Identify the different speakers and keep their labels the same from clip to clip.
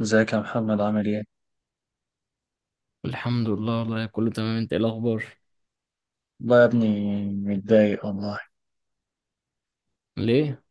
Speaker 1: ازيك يا محمد عامل ايه؟
Speaker 2: الحمد لله، والله كله تمام. انت ايه الاخبار؟
Speaker 1: والله يا ابني متضايق والله.
Speaker 2: ليه؟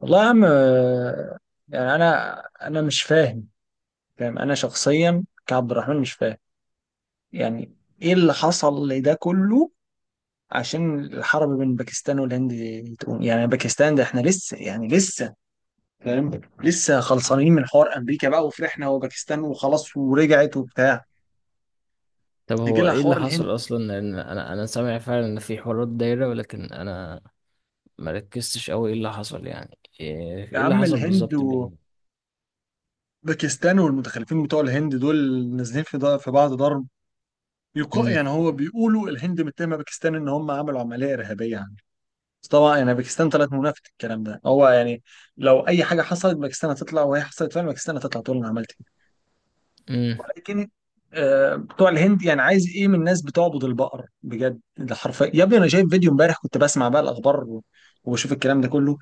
Speaker 1: والله يا عم، يعني انا مش فاهم. فاهم، انا شخصيا كعبد الرحمن مش فاهم، يعني ايه اللي حصل لده كله؟ عشان الحرب بين باكستان والهند تقوم، يعني باكستان، ده احنا لسه فاهم، لسه خلصانين من حوار امريكا بقى وفرحنا وباكستان وخلاص ورجعت وبتاع،
Speaker 2: طب
Speaker 1: يجي
Speaker 2: هو
Speaker 1: لها
Speaker 2: ايه
Speaker 1: حوار
Speaker 2: اللي
Speaker 1: الهند.
Speaker 2: حصل اصلا، لان انا سامع فعلا ان في حوارات دايره، ولكن انا ما ركزتش قوي. ايه اللي حصل يعني؟ ايه
Speaker 1: يا
Speaker 2: ايه اللي
Speaker 1: عم
Speaker 2: حصل
Speaker 1: الهند
Speaker 2: بالظبط بينهم؟
Speaker 1: باكستان والمتخلفين بتوع الهند دول نازلين في بعض ضرب.
Speaker 2: امم
Speaker 1: يعني هو بيقولوا الهند متهمه باكستان ان هم عملوا عمليه ارهابيه عنه، بس طبعا يعني باكستان طلعت منافت الكلام ده، هو يعني لو اي حاجه حصلت باكستان هتطلع، وهي حصلت فعلا باكستان هتطلع تقول انا عملت.
Speaker 2: امم
Speaker 1: لكن بتوع الهند يعني عايز ايه من الناس بتعبد البقر؟ بجد ده حرفيا يا ابني، انا شايف فيديو امبارح كنت بسمع بقى الاخبار وبشوف الكلام ده كله.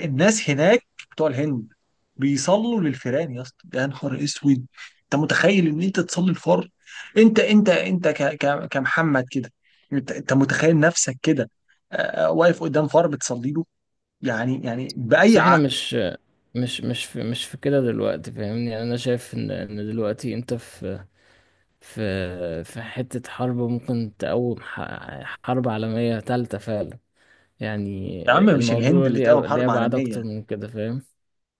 Speaker 1: الناس هناك، بتوع الهند، بيصلوا للفيران يا اسطى، يا نهار اسود! انت متخيل ان انت تصلي الفار؟ انت انت انت ك ك كمحمد كده، انت متخيل نفسك كده؟ آه، واقف قدام فار بتصلي له، يعني
Speaker 2: بس
Speaker 1: باي
Speaker 2: احنا
Speaker 1: عقل؟
Speaker 2: مش في كده دلوقتي، فاهمني؟ يعني انا شايف ان دلوقتي انت في حته حرب ممكن تقوم حرب عالميه ثالثه فعلا، يعني
Speaker 1: يا عم مش الهند
Speaker 2: الموضوع
Speaker 1: اللي
Speaker 2: ليه
Speaker 1: تقوم
Speaker 2: ليه
Speaker 1: حرب
Speaker 2: ابعاد
Speaker 1: عالميه،
Speaker 2: اكتر من كده، فاهم؟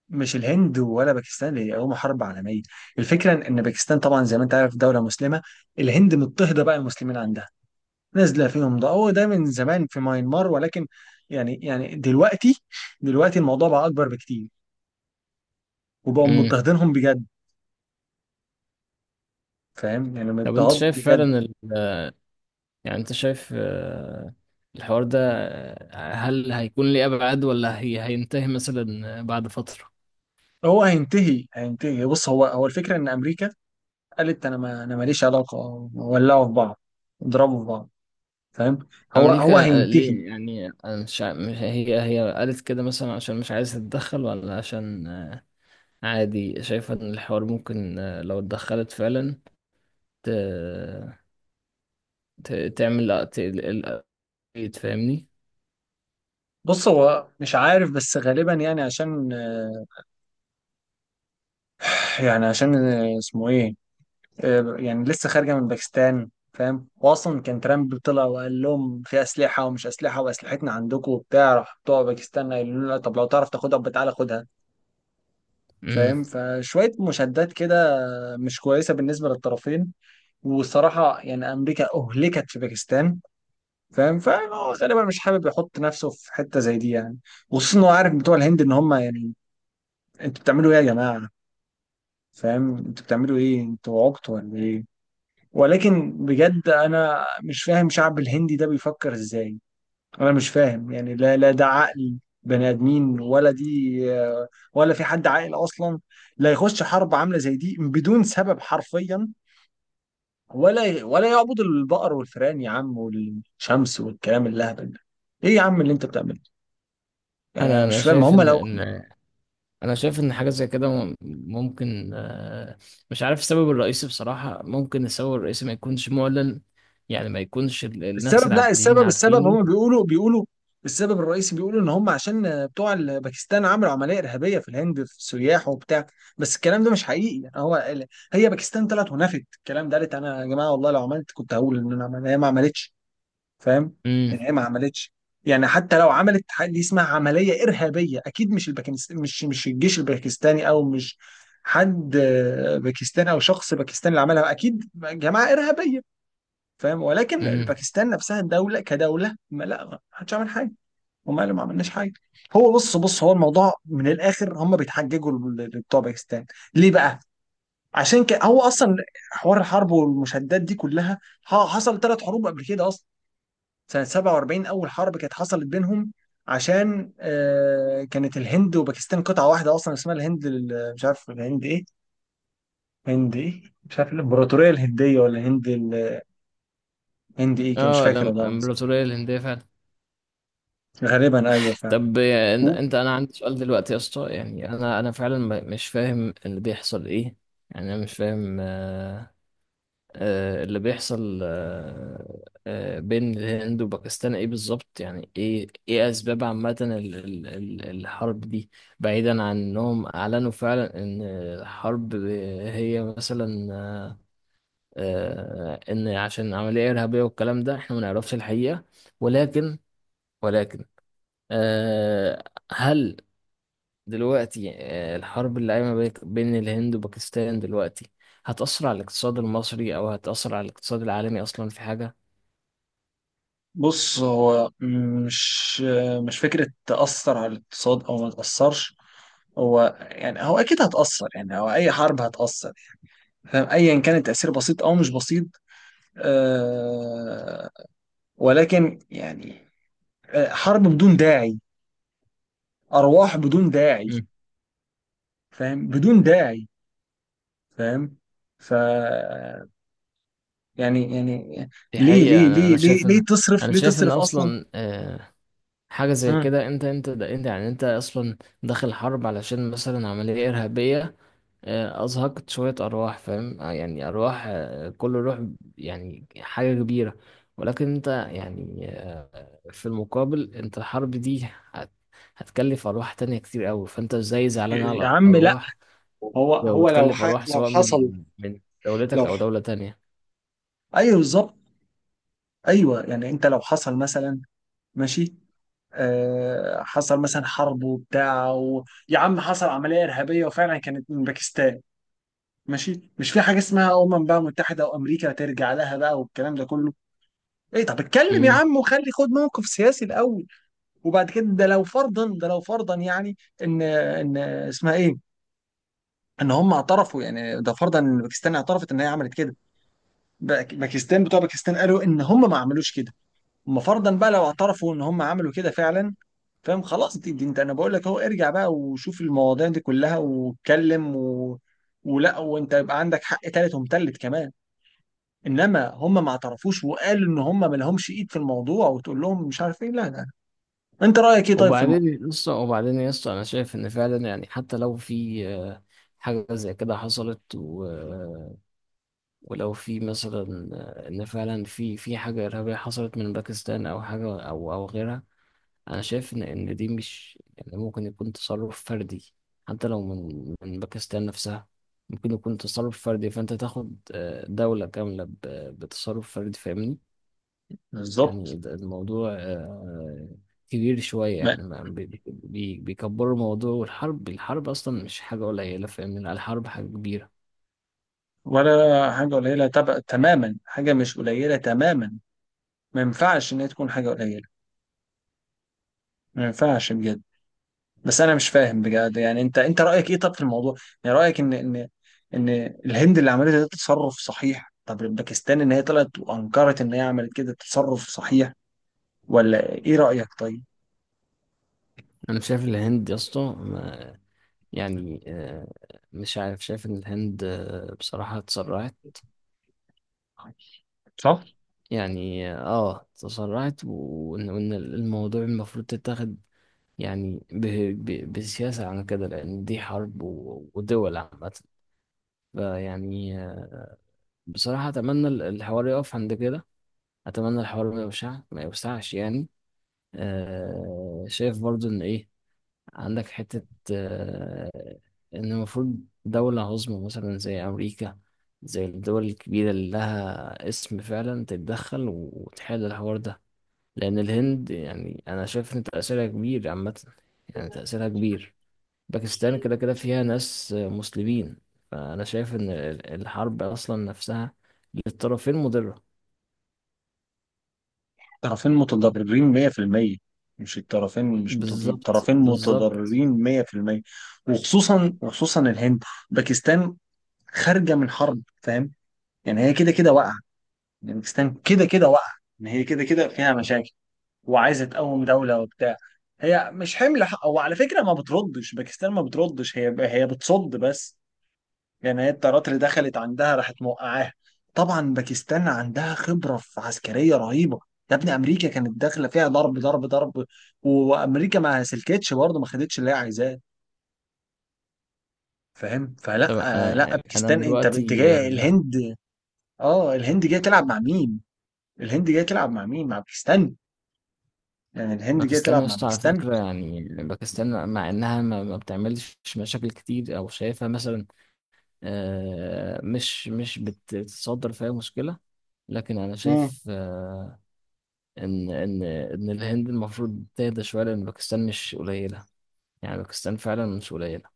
Speaker 1: مش الهند ولا باكستان هي هم حرب عالميه. الفكره ان إن باكستان طبعا زي ما انت عارف دوله مسلمه، الهند مضطهده بقى المسلمين عندها، نازله فيهم، ده هو ده من زمان في ماينمار، ولكن يعني دلوقتي الموضوع بقى اكبر بكتير، وبقوا مضطهدينهم بجد. فاهم؟ يعني
Speaker 2: طب انت
Speaker 1: مضطهد
Speaker 2: شايف
Speaker 1: بجد.
Speaker 2: فعلا يعني انت شايف الحوار ده هل هيكون ليه ابعاد، ولا هي هينتهي مثلا بعد فترة؟
Speaker 1: هو هينتهي بص، هو الفكره ان امريكا قالت انا ما انا ماليش علاقه، ولعوا في بعض، اضربوا في بعض. فاهم؟ هو
Speaker 2: امريكا
Speaker 1: هينتهي.
Speaker 2: ليه يعني؟ أنا مش هي، هي قالت كده مثلا عشان مش عايزة تتدخل، ولا عشان عادي شايفة ان الحوار ممكن لو اتدخلت فعلا ت... تعمل تفهمني؟
Speaker 1: بص هو مش عارف بس غالبا يعني عشان، يعني عشان اسمه ايه، يعني لسه خارجه من باكستان فاهم، واصلا كان ترامب طلع وقال لهم في اسلحه ومش اسلحه واسلحتنا عندكم وبتاع، راح بتوع باكستان قالوا له لا، طب لو تعرف تاخدها يبقى تعالى خدها.
Speaker 2: مم.
Speaker 1: فاهم؟ فشويه مشادات كده مش كويسه بالنسبه للطرفين، والصراحه يعني امريكا اهلكت في باكستان. فاهم؟ فهو غالبا مش حابب يحط نفسه في حته زي دي، يعني وخصوصا هو عارف بتوع الهند ان هم يعني انتوا بتعملوا ايه يا جماعه؟ فاهم؟ انتوا بتعملوا ايه، انتوا عبط ولا ايه؟ ولكن بجد انا مش فاهم شعب الهندي ده بيفكر ازاي، انا مش فاهم يعني. لا لا ده عقل بني ادمين ولا دي؟ ولا في حد عاقل اصلا؟ لا يخش حرب عامله زي دي بدون سبب حرفيا، ولا يعبد البقر والفئران يا عم والشمس والكلام اللهبل ده. ايه يا عم اللي انت بتعمله؟ انا
Speaker 2: انا
Speaker 1: مش
Speaker 2: انا
Speaker 1: فاهم
Speaker 2: شايف
Speaker 1: هم
Speaker 2: ان
Speaker 1: لو،
Speaker 2: انا شايف ان حاجه زي كده ممكن، مش عارف السبب الرئيسي بصراحه. ممكن السبب الرئيسي ما يكونش معلن، يعني ما يكونش الناس
Speaker 1: السبب، لا
Speaker 2: العاديين
Speaker 1: السبب السبب
Speaker 2: عارفينه.
Speaker 1: هم بيقولوا، السبب الرئيسي بيقولوا ان هم عشان باكستان عملوا عمليه ارهابيه في الهند في السياح وبتاع، بس الكلام ده مش حقيقي. يعني هي باكستان طلعت ونفت الكلام ده، قالت انا يا جماعه والله لو عملت كنت هقول ان انا عملت، هي ما عملتش. فاهم؟
Speaker 2: امم
Speaker 1: يعني هي ما عملتش. يعني حتى لو عملت حاجة دي اسمها عمليه ارهابيه، اكيد مش الباكستاني، مش الجيش الباكستاني، او مش حد باكستاني او شخص باكستاني اللي عملها، اكيد جماعه ارهابيه. فاهم؟ ولكن
Speaker 2: امم
Speaker 1: باكستان نفسها الدوله كدوله، ما حدش عمل حاجه. هم قالوا ما عملناش حاجه. هو بص، هو الموضوع من الاخر هم بيتحججوا لبتوع باكستان. ليه بقى؟ عشان كده هو اصلا، حوار الحرب والمشادات دي كلها، حصل ثلاث حروب قبل كده اصلا. سنه 47 اول حرب كانت حصلت بينهم، عشان آه كانت الهند وباكستان قطعه واحده اصلا اسمها الهند، مش عارف الهند ايه، هند ايه، مش عارف، الامبراطوريه الهنديه ولا هند ايه كان، مش
Speaker 2: اه
Speaker 1: فاكر والله العظيم.
Speaker 2: الامبراطوريه الهنديه فعلا.
Speaker 1: غالبا ايوه فعلا.
Speaker 2: طب انت، انا عندي سؤال دلوقتي يا اسطى. يعني انا انا فعلا مش فاهم اللي بيحصل ايه. يعني انا مش فاهم اللي بيحصل بين الهند وباكستان ايه بالظبط. يعني ايه اسباب عامة الحرب دي، بعيدا عن انهم اعلنوا فعلا ان الحرب هي مثلا ان عشان عملية ارهابية والكلام ده. احنا ما نعرفش الحقيقة، ولكن ولكن آه، هل دلوقتي الحرب اللي قايمة بين الهند وباكستان دلوقتي هتأثر على الاقتصاد المصري، أو هتأثر على الاقتصاد العالمي أصلا في حاجة؟
Speaker 1: بص هو مش مش فكرة تأثر على الاقتصاد أو ما تأثرش، هو يعني هو أكيد هتأثر، يعني هو أي حرب هتأثر. فاهم؟ أيا كان التأثير بسيط أو مش بسيط. أه، ولكن يعني حرب بدون داعي، أرواح بدون داعي.
Speaker 2: مم.
Speaker 1: فاهم؟ بدون داعي. فاهم؟ ف يعني
Speaker 2: دي حقيقة. أنا أنا شايف إن
Speaker 1: ليه تصرف؟
Speaker 2: أنا
Speaker 1: ليه
Speaker 2: شايف إن
Speaker 1: تصرف أصلا؟
Speaker 2: أصلا حاجة زي
Speaker 1: مم.
Speaker 2: كده، أنت أنت ده أنت يعني أنت أصلا داخل حرب علشان مثلا عملية إرهابية أزهقت شوية أرواح، فاهم؟ يعني أرواح، كل روح يعني حاجة كبيرة. ولكن أنت يعني في المقابل أنت الحرب دي هت- هتكلف أرواح تانية كتير أوي، فأنت إزاي زعلان
Speaker 1: يا
Speaker 2: على
Speaker 1: عم لا،
Speaker 2: أرواح
Speaker 1: هو لو
Speaker 2: وبتكلف أرواح
Speaker 1: لو
Speaker 2: سواء
Speaker 1: حصل،
Speaker 2: من دولتك
Speaker 1: لو،
Speaker 2: أو دولة تانية؟
Speaker 1: ايوه بالظبط. ايوه يعني انت لو حصل مثلا، ماشي، آه حصل مثلا حرب وبتاع يا عم حصل عمليه ارهابيه وفعلا كانت من باكستان، ماشي، مش في حاجه اسمها بقى متحده وامريكا ترجع لها بقى والكلام ده كله. ايه؟ طب اتكلم يا عم وخلي خد موقف سياسي الاول، وبعد كده ده لو فرضا، يعني ان اسمها ايه، ان هم اعترفوا، يعني ده فرضا ان باكستان اعترفت ان هي عملت كده. باكستان، بتوع باكستان قالوا ان هم ما عملوش كده. اما فرضا بقى لو اعترفوا ان هم عملوا كده فعلا، فاهم، خلاص دي انت، انا بقول لك اهو، ارجع بقى وشوف المواضيع دي كلها واتكلم و... ولا وانت يبقى عندك حق تالت ومتلت كمان. انما هم ما اعترفوش وقالوا ان هم ما لهمش ايد في الموضوع، وتقول لهم مش عارف ايه، لا لا. انت رايك ايه طيب في الموضوع؟
Speaker 2: وبعدين لسه، وبعدين يا اسطى انا شايف ان فعلا يعني حتى لو في حاجه زي كده حصلت ولو في مثلا ان فعلا في حاجه ارهابيه حصلت من باكستان، او حاجه او غيرها، انا شايف ان دي مش، يعني ممكن يكون تصرف فردي حتى لو من باكستان نفسها. ممكن يكون تصرف فردي، فانت تاخد دوله كامله بتصرف فردي، فاهمني؟ يعني
Speaker 1: بالظبط.
Speaker 2: الموضوع كبير شوية.
Speaker 1: ما-
Speaker 2: يعني بيكبروا الموضوع، والحرب، الحرب أصلا مش حاجة قليلة، فاهمني؟ لا، الحرب حاجة كبيرة.
Speaker 1: ولا حاجه قليله تبقى تماما، حاجه مش قليله تماما، ما ينفعش ان هي تكون حاجه قليله، ما ينفعش بجد. بس انا مش فاهم بجد، يعني انت رايك ايه طب في الموضوع؟ يعني رايك ان ان الهند اللي عملته ده تصرف صحيح؟ طب باكستان ان هي طلعت وانكرت ان هي عملت كده تصرف صحيح؟ ولا ايه رايك طيب؟
Speaker 2: أنا شايف الهند يا اسطى يعني مش عارف، شايف إن الهند بصراحة اتسرعت.
Speaker 1: صح.
Speaker 2: يعني اه تسرعت، وإن الموضوع المفروض تتاخد يعني بسياسة عن كده، لأن دي حرب ودول عامة. فيعني بصراحة أتمنى الحوار يقف عند كده. اتمنى الحوار ما يوسعش يعني. آه، شايف برضو ان ايه، عندك حتة، آه، ان المفروض دولة عظمى مثلا زي امريكا، زي الدول الكبيرة اللي لها اسم فعلا، تتدخل وتحل الحوار ده. لان الهند يعني انا شايف ان تأثيرها كبير عامة. يعني تأثيرها كبير. باكستان كده كده فيها ناس مسلمين. فانا شايف ان الحرب اصلا نفسها للطرفين مضرة.
Speaker 1: طرفين متضررين 100%، مش الطرفين مش متضررين،
Speaker 2: بالظبط،
Speaker 1: طرفين
Speaker 2: بالظبط.
Speaker 1: متضررين 100%. وخصوصا الهند، باكستان خارجة من حرب. فاهم؟ يعني هي كده كده واقعة، يعني باكستان كده كده واقعة، يعني هي كده كده فيها مشاكل، وعايزه تقوم دوله وبتاع. هي مش حمل حق، وعلى فكره ما بتردش باكستان ما بتردش، هي بتصد بس. يعني هي الطيارات اللي دخلت عندها راحت موقعاها. طبعا باكستان عندها خبره في عسكريه رهيبه، يا ابني امريكا كانت داخله فيها ضرب ضرب ضرب، وامريكا ما سلكتش برضه، ما خدتش اللي هي عايزاه. فاهم؟ فلا
Speaker 2: طب
Speaker 1: لا
Speaker 2: انا
Speaker 1: باكستان، انت
Speaker 2: دلوقتي
Speaker 1: جاي الهند؟ اه الهند جايه تلعب مع مين؟ الهند جايه تلعب مع مين؟ مع باكستان؟ يعني الهند جايه
Speaker 2: باكستان
Speaker 1: تلعب
Speaker 2: يا
Speaker 1: مع
Speaker 2: اسطى على
Speaker 1: باكستان؟
Speaker 2: فكره، يعني باكستان مع انها ما بتعملش مشاكل كتير، او شايفها مثلا مش، بتتصدر فيها مشكله، لكن انا شايف ان ان الهند المفروض تهدى شويه، لان باكستان مش قليله. يعني باكستان فعلا مش قليله.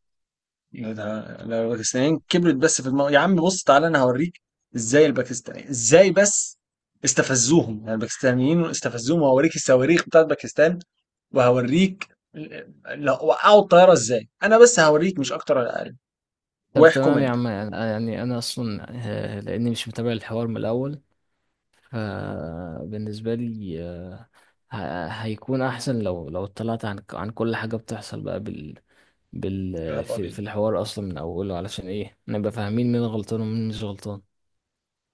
Speaker 1: يا ده لو الباكستانيين كبرت بس في الموضوع يا عم، بص تعالى انا هوريك ازاي الباكستانيين، ازاي بس استفزوهم، يعني الباكستانيين استفزوهم، وهوريك الصواريخ بتاعت باكستان، وهوريك ال- لا وقعوا الطياره ازاي، انا بس هوريك مش اكتر ولا اقل.
Speaker 2: طب
Speaker 1: واحكم
Speaker 2: تمام يا
Speaker 1: انت.
Speaker 2: عم، يعني يعني انا اصلا لاني مش متابع الحوار من الاول، فبالنسبة لي هيكون أحسن لو اطلعت عن كل حاجة بتحصل بقى
Speaker 1: يلا بينا.
Speaker 2: في الحوار أصلا من أوله، علشان إيه نبقى فاهمين مين غلطان ومين مش غلطان.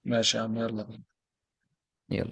Speaker 1: ماشي يا عم، يلا.
Speaker 2: يلا.